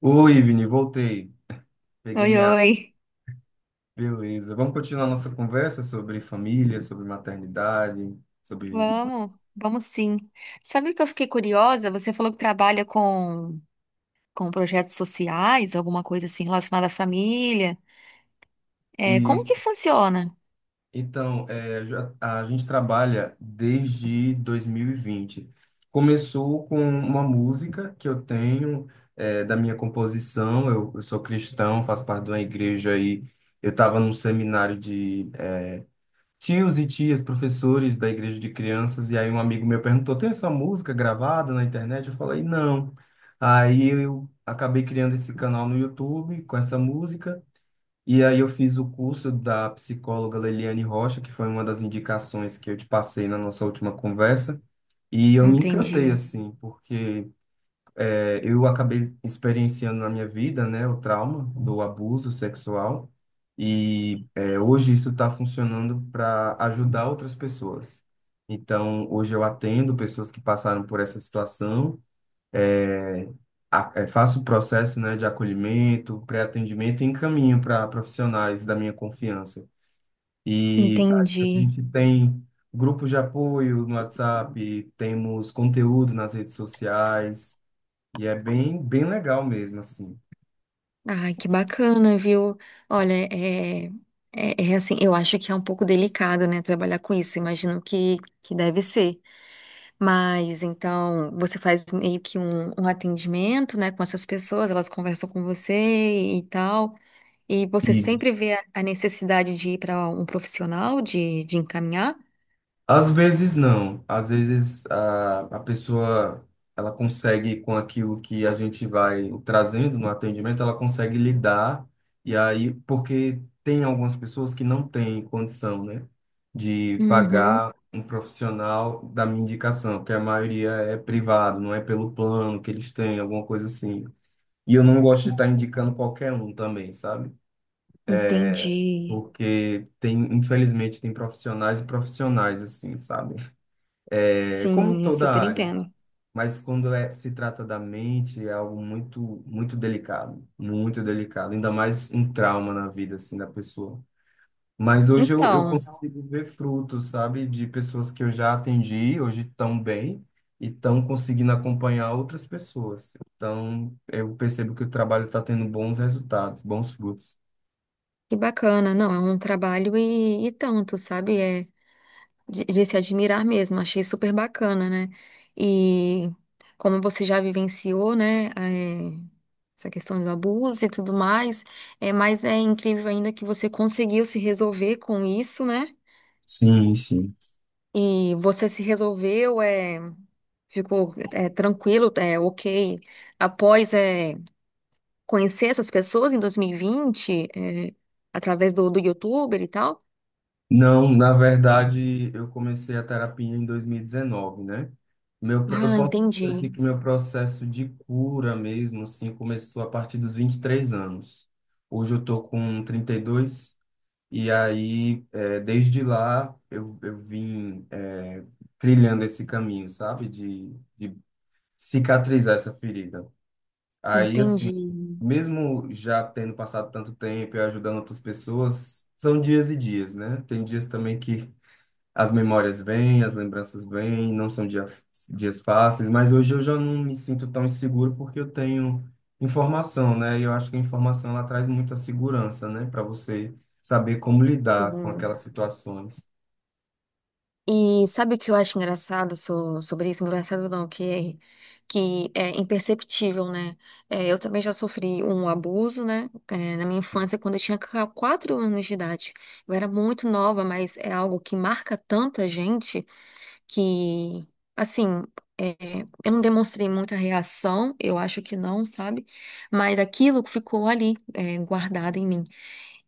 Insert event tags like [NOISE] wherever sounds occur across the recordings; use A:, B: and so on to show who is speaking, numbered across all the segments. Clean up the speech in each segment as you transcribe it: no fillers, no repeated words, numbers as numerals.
A: Oi, Ivni, voltei. Peguei
B: Oi,
A: minha água.
B: oi.
A: Beleza. Vamos continuar nossa conversa sobre família, sobre maternidade, sobre
B: Vamos sim. Sabe o que eu fiquei curiosa? Você falou que trabalha com projetos sociais, alguma coisa assim relacionada à família. É, como
A: isso.
B: que funciona?
A: A gente trabalha desde 2020. Começou com uma música que eu tenho, da minha composição. Eu sou cristão, faço parte de uma igreja e eu estava num seminário, tios e tias, professores da igreja de crianças, e aí um amigo meu perguntou: tem essa música gravada na internet? Eu falei: não. Aí eu acabei criando esse canal no YouTube com essa música, e aí eu fiz o curso da psicóloga Leliane Rocha, que foi uma das indicações que eu te passei na nossa última conversa, e eu me encantei,
B: Entendi,
A: assim. Porque. Eu acabei experienciando na minha vida, né, o trauma do abuso sexual e hoje isso está funcionando para ajudar outras pessoas. Então, hoje eu atendo pessoas que passaram por essa situação, é, faço o processo, né, de acolhimento, pré-atendimento, e encaminho para profissionais da minha confiança. E aí a
B: entendi.
A: gente tem grupos de apoio no WhatsApp, temos conteúdo nas redes sociais, e é bem, bem legal mesmo, assim.
B: Ai, que bacana, viu? Olha, é assim, eu acho que é um pouco delicado, né, trabalhar com isso. Imagino que deve ser. Mas então você faz meio que um atendimento, né, com essas pessoas, elas conversam com você e tal. E você sempre vê a necessidade de ir para um profissional, de encaminhar?
A: Às vezes não. Às vezes a pessoa, ela consegue com aquilo que a gente vai trazendo no atendimento, ela consegue lidar. E aí porque tem algumas pessoas que não têm condição, né, de
B: Uhum,
A: pagar um profissional da minha indicação, que a maioria é privado, não é pelo plano que eles têm, alguma coisa assim. E eu não gosto de estar indicando qualquer um também, sabe?
B: entendi.
A: Porque tem, infelizmente, tem profissionais e profissionais assim, sabe? É como em
B: Sim, eu
A: toda
B: super
A: área,
B: entendo.
A: mas quando se trata da mente, é algo muito, muito delicado, ainda mais um trauma na vida, assim, da pessoa. Mas hoje eu
B: Então,
A: consigo ver frutos, sabe, de pessoas que eu já atendi, hoje estão bem e estão conseguindo acompanhar outras pessoas. Então, eu percebo que o trabalho está tendo bons resultados, bons frutos.
B: que bacana. Não, é um trabalho e tanto, sabe? É de se admirar mesmo. Achei super bacana, né? E como você já vivenciou, né? Essa questão do abuso e tudo mais, é, mas é incrível ainda que você conseguiu se resolver com isso, né?
A: Sim, sim.
B: E você se resolveu, é. Ficou tranquilo, é, ok. Após conhecer essas pessoas em 2020, é, através do YouTuber e tal.
A: Não, na verdade, eu comecei a terapia em 2019, né? Eu
B: Ah,
A: posso dizer
B: entendi,
A: assim que meu processo de cura mesmo, assim, começou a partir dos 23 anos. Hoje eu tô com 32 e dois, e aí, desde lá, eu vim, trilhando esse caminho, sabe? De cicatrizar essa ferida. Aí, assim,
B: entendi.
A: mesmo já tendo passado tanto tempo e ajudando outras pessoas, são dias e dias, né? Tem dias também que as memórias vêm, as lembranças vêm, não são dia, dias fáceis, mas hoje eu já não me sinto tão inseguro porque eu tenho informação, né? E eu acho que a informação, ela traz muita segurança, né? Para você saber como lidar com
B: Sim.
A: aquelas situações.
B: E sabe o que eu acho engraçado sobre isso? Engraçado não, é, que é imperceptível, né? É, eu também já sofri um abuso, né? É, na minha infância, quando eu tinha 4 anos de idade. Eu era muito nova, mas é algo que marca tanta gente que, assim, é, eu não demonstrei muita reação, eu acho que não, sabe? Mas aquilo ficou ali, é, guardado em mim.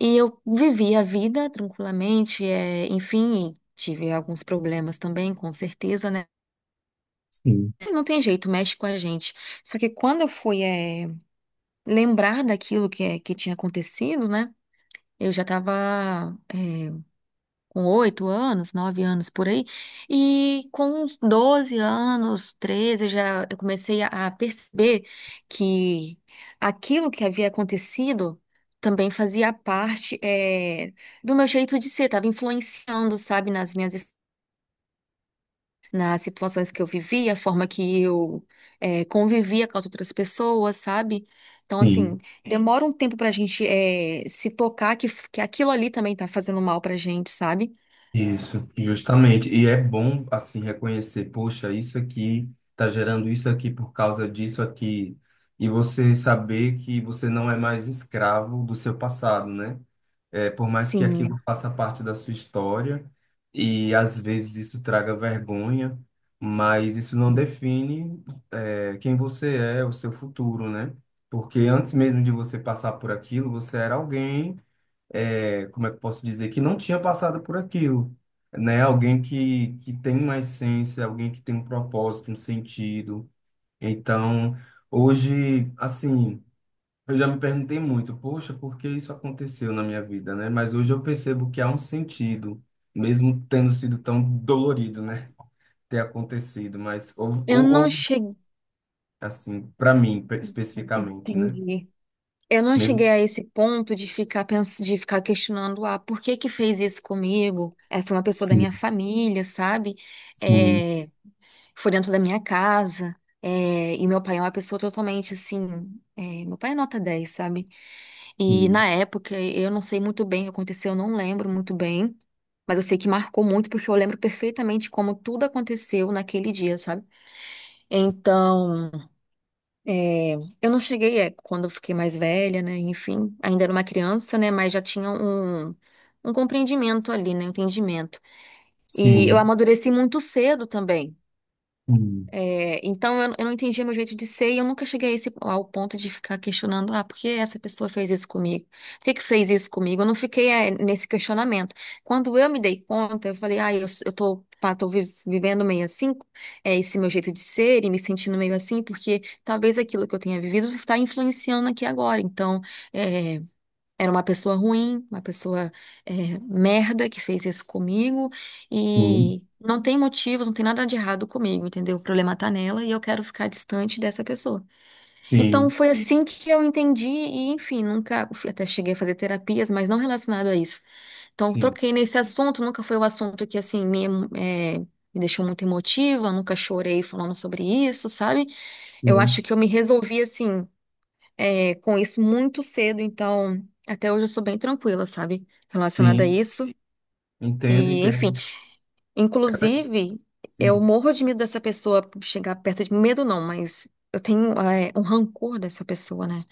B: E eu vivi a vida tranquilamente, é, enfim, e tive alguns problemas também, com certeza, né?
A: Sim,
B: Não tem jeito, mexe com a gente. Só que quando eu fui, é, lembrar daquilo que, é, que tinha acontecido, né? Eu já estava com 8 anos, 9 anos por aí, e com uns 12 anos, 13 já eu comecei a perceber que aquilo que havia acontecido também fazia parte eh, do meu jeito de ser, estava influenciando, sabe, nas minhas nas situações que eu vivia, a forma que eu eh, convivia com as outras pessoas, sabe? Então, assim,
A: sim,
B: demora um tempo pra gente eh, se tocar que aquilo ali também tá fazendo mal pra gente, sabe?
A: isso, justamente. E é bom, assim, reconhecer, poxa, isso aqui tá gerando isso aqui por causa disso aqui. E você saber que você não é mais escravo do seu passado, né? É, por mais que aquilo
B: Sim.
A: faça parte da sua história e às vezes isso traga vergonha, mas isso não define, é, quem você é, o seu futuro, né? Porque antes mesmo de você passar por aquilo, você era alguém, é, como é que eu posso dizer, que não tinha passado por aquilo, né? Alguém que tem uma essência, alguém que tem um propósito, um sentido. Então, hoje, assim. Eu já me perguntei muito, poxa, por que isso aconteceu na minha vida, né? Mas hoje eu percebo que há um sentido, mesmo tendo sido tão dolorido, né? Ter acontecido, mas
B: Eu não
A: houve,
B: cheguei.
A: assim, para mim, especificamente, né?
B: Entendi. Eu não
A: Mesmo...
B: cheguei a esse ponto de ficar de ficar questionando, ah, por que que fez isso comigo? É, foi uma pessoa da
A: Sim,
B: minha família, sabe?
A: sim,
B: É, foi dentro da minha casa. É, e meu pai é uma pessoa totalmente assim. É, meu pai é nota 10, sabe? E
A: sim,
B: na época eu não sei muito bem o que aconteceu, eu não lembro muito bem. Mas eu sei que marcou muito porque eu lembro perfeitamente como tudo aconteceu naquele dia, sabe? Então. É, eu não cheguei, é, quando eu fiquei mais velha, né? Enfim, ainda era uma criança, né? Mas já tinha um compreendimento ali, né? Um entendimento. E eu
A: sim,
B: amadureci muito cedo também. É, então eu não entendia meu jeito de ser e eu nunca cheguei a esse, ao ponto de ficar questionando, ah, por que essa pessoa fez isso comigo? Por que que fez isso comigo? Eu não fiquei eh, nesse questionamento. Quando eu me dei conta, eu falei, ah, eu tô, pá, tô vivendo meio assim, é esse meu jeito de ser e me sentindo meio assim, porque talvez aquilo que eu tenha vivido está influenciando aqui agora. Então, eh, era uma pessoa ruim, uma pessoa eh, merda que fez isso comigo
A: sim,
B: e não tem motivos, não tem nada de errado comigo, entendeu? O problema tá nela e eu quero ficar distante dessa pessoa. Então
A: sim,
B: foi assim que eu entendi e, enfim, nunca fui- até cheguei a fazer terapias, mas não relacionado a isso. Então eu
A: sim, sim,
B: troquei nesse assunto, nunca foi o assunto que assim eh, me deixou muito emotiva, nunca chorei falando sobre isso, sabe? Eu acho
A: sim,
B: que eu me resolvi assim é, com isso muito cedo, então até hoje eu sou bem tranquila, sabe? Relacionada a
A: sim.
B: isso.
A: Entendo,
B: E, enfim,
A: entendo.
B: inclusive, eu
A: Sim,
B: morro de medo dessa pessoa chegar perto de mim. Medo não, mas eu tenho, é, um rancor dessa pessoa, né?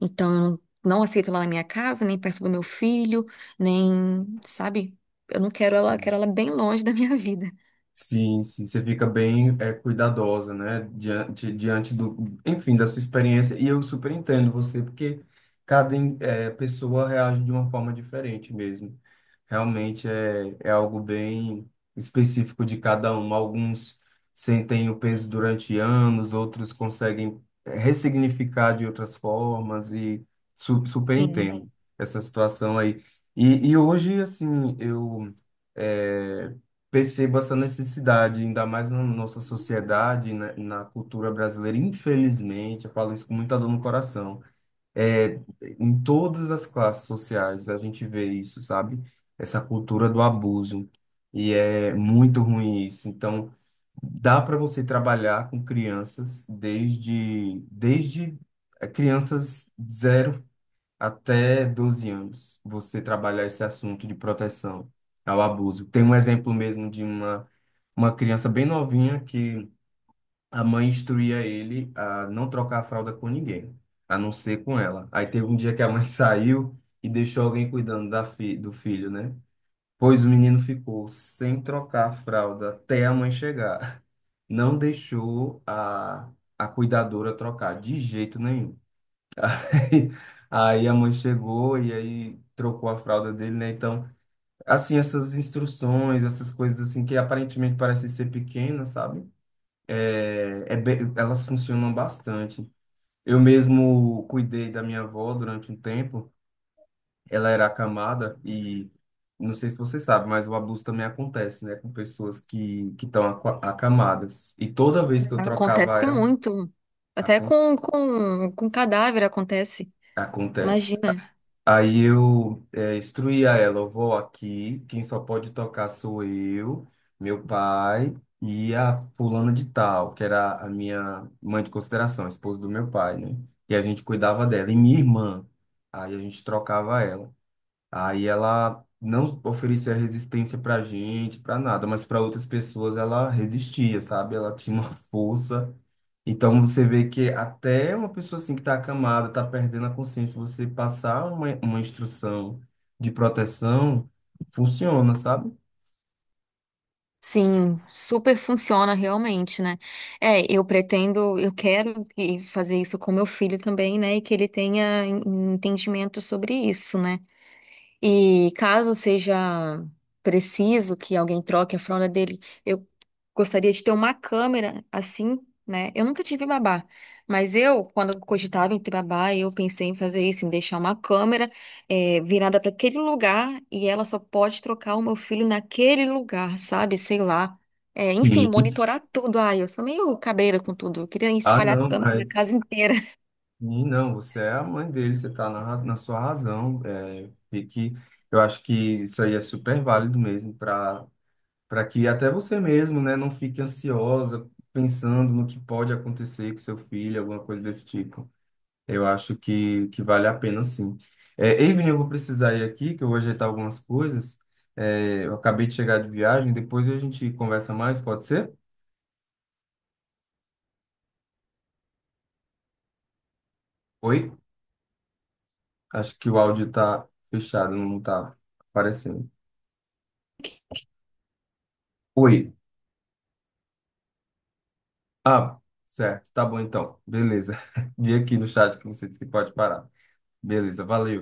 B: Então, eu não aceito ela na minha casa, nem perto do meu filho, nem, sabe? Eu não quero ela, eu
A: sim.
B: quero ela bem longe da minha vida.
A: Sim, sim, você fica bem, é, cuidadosa, né? Diante, diante do, enfim, da sua experiência. E eu super entendo você, porque pessoa reage de uma forma diferente mesmo. Realmente é, é algo bem específico de cada um. Alguns sentem o peso durante anos, outros conseguem ressignificar de outras formas e su super
B: Sim,
A: entendo essa situação aí. E hoje, assim, eu, eh, percebo essa necessidade, ainda mais na nossa sociedade, na cultura brasileira. Infelizmente, eu falo isso com muita dor no coração. É, em todas as classes sociais a gente vê isso, sabe? Essa cultura do abuso. E é muito ruim isso. Então, dá para você trabalhar com crianças desde crianças zero até 12 anos, você trabalhar esse assunto de proteção ao abuso. Tem um exemplo mesmo de uma criança bem novinha, que a mãe instruía ele a não trocar a fralda com ninguém, a não ser com ela. Aí teve um dia que a mãe [LAUGHS] saiu e deixou alguém cuidando do filho, né? Pois o menino ficou sem trocar a fralda até a mãe chegar. Não deixou a cuidadora trocar de jeito nenhum. [LAUGHS] Aí a mãe chegou e aí trocou a fralda dele, né? Então, assim, essas instruções, essas coisas assim que aparentemente parecem ser pequenas, sabe? Elas funcionam bastante. Eu mesmo cuidei da minha avó durante um tempo. Ela era acamada e não sei se você sabe, mas o abuso também acontece, né? Com pessoas que estão acamadas. E toda vez que eu trocava
B: acontece
A: ela,
B: muito. Até
A: acon-
B: com cadáver acontece.
A: acontece.
B: Imagina.
A: Aí eu, é, instruí a ela, eu vou aqui, quem só pode tocar sou eu, meu pai e a fulana de tal, que era a minha mãe de consideração, a esposa do meu pai, né? E a gente cuidava dela, e minha irmã, aí a gente trocava ela. Aí ela não oferecia resistência pra gente, pra nada, mas para outras pessoas ela resistia, sabe? Ela tinha uma [LAUGHS] força. Então você vê que até uma pessoa assim que tá acamada, tá perdendo a consciência, você passar uma instrução de proteção funciona, sabe?
B: Sim, super funciona realmente, né? É, eu pretendo, eu quero e fazer isso com meu filho também, né? E que ele tenha entendimento sobre isso, né? E caso seja preciso que alguém troque a fralda dele, eu gostaria de ter uma câmera assim, né? Eu nunca tive babá, mas eu, quando eu cogitava em ter babá, eu pensei em fazer isso, em deixar uma câmera eh, virada para aquele lugar e ela só pode trocar o meu filho naquele lugar, sabe? Sei lá. Eh, enfim,
A: Sim.
B: monitorar tudo. Ai, eu sou meio cabreira com tudo. Eu queria
A: Ah,
B: espalhar a
A: não,
B: câmera na
A: mas
B: casa inteira.
A: sim, não, você é a mãe dele, você tá na, na sua razão. É, e que eu acho que isso aí é super válido mesmo para para que até você mesmo, né, não fique ansiosa pensando no que pode acontecer com seu filho, alguma coisa desse tipo. Eu acho que vale a pena, sim. É, Evelyn, eu vou precisar ir aqui, que eu vou ajeitar algumas coisas. É, eu acabei de chegar de viagem, depois a gente conversa mais, pode ser? Oi? Acho que o áudio tá fechado, não tá aparecendo.
B: [LAUGHS]
A: Oi. Ah, certo, tá bom então. Beleza. [LAUGHS] Vi aqui no chat que você disse que pode parar. Beleza, valeu.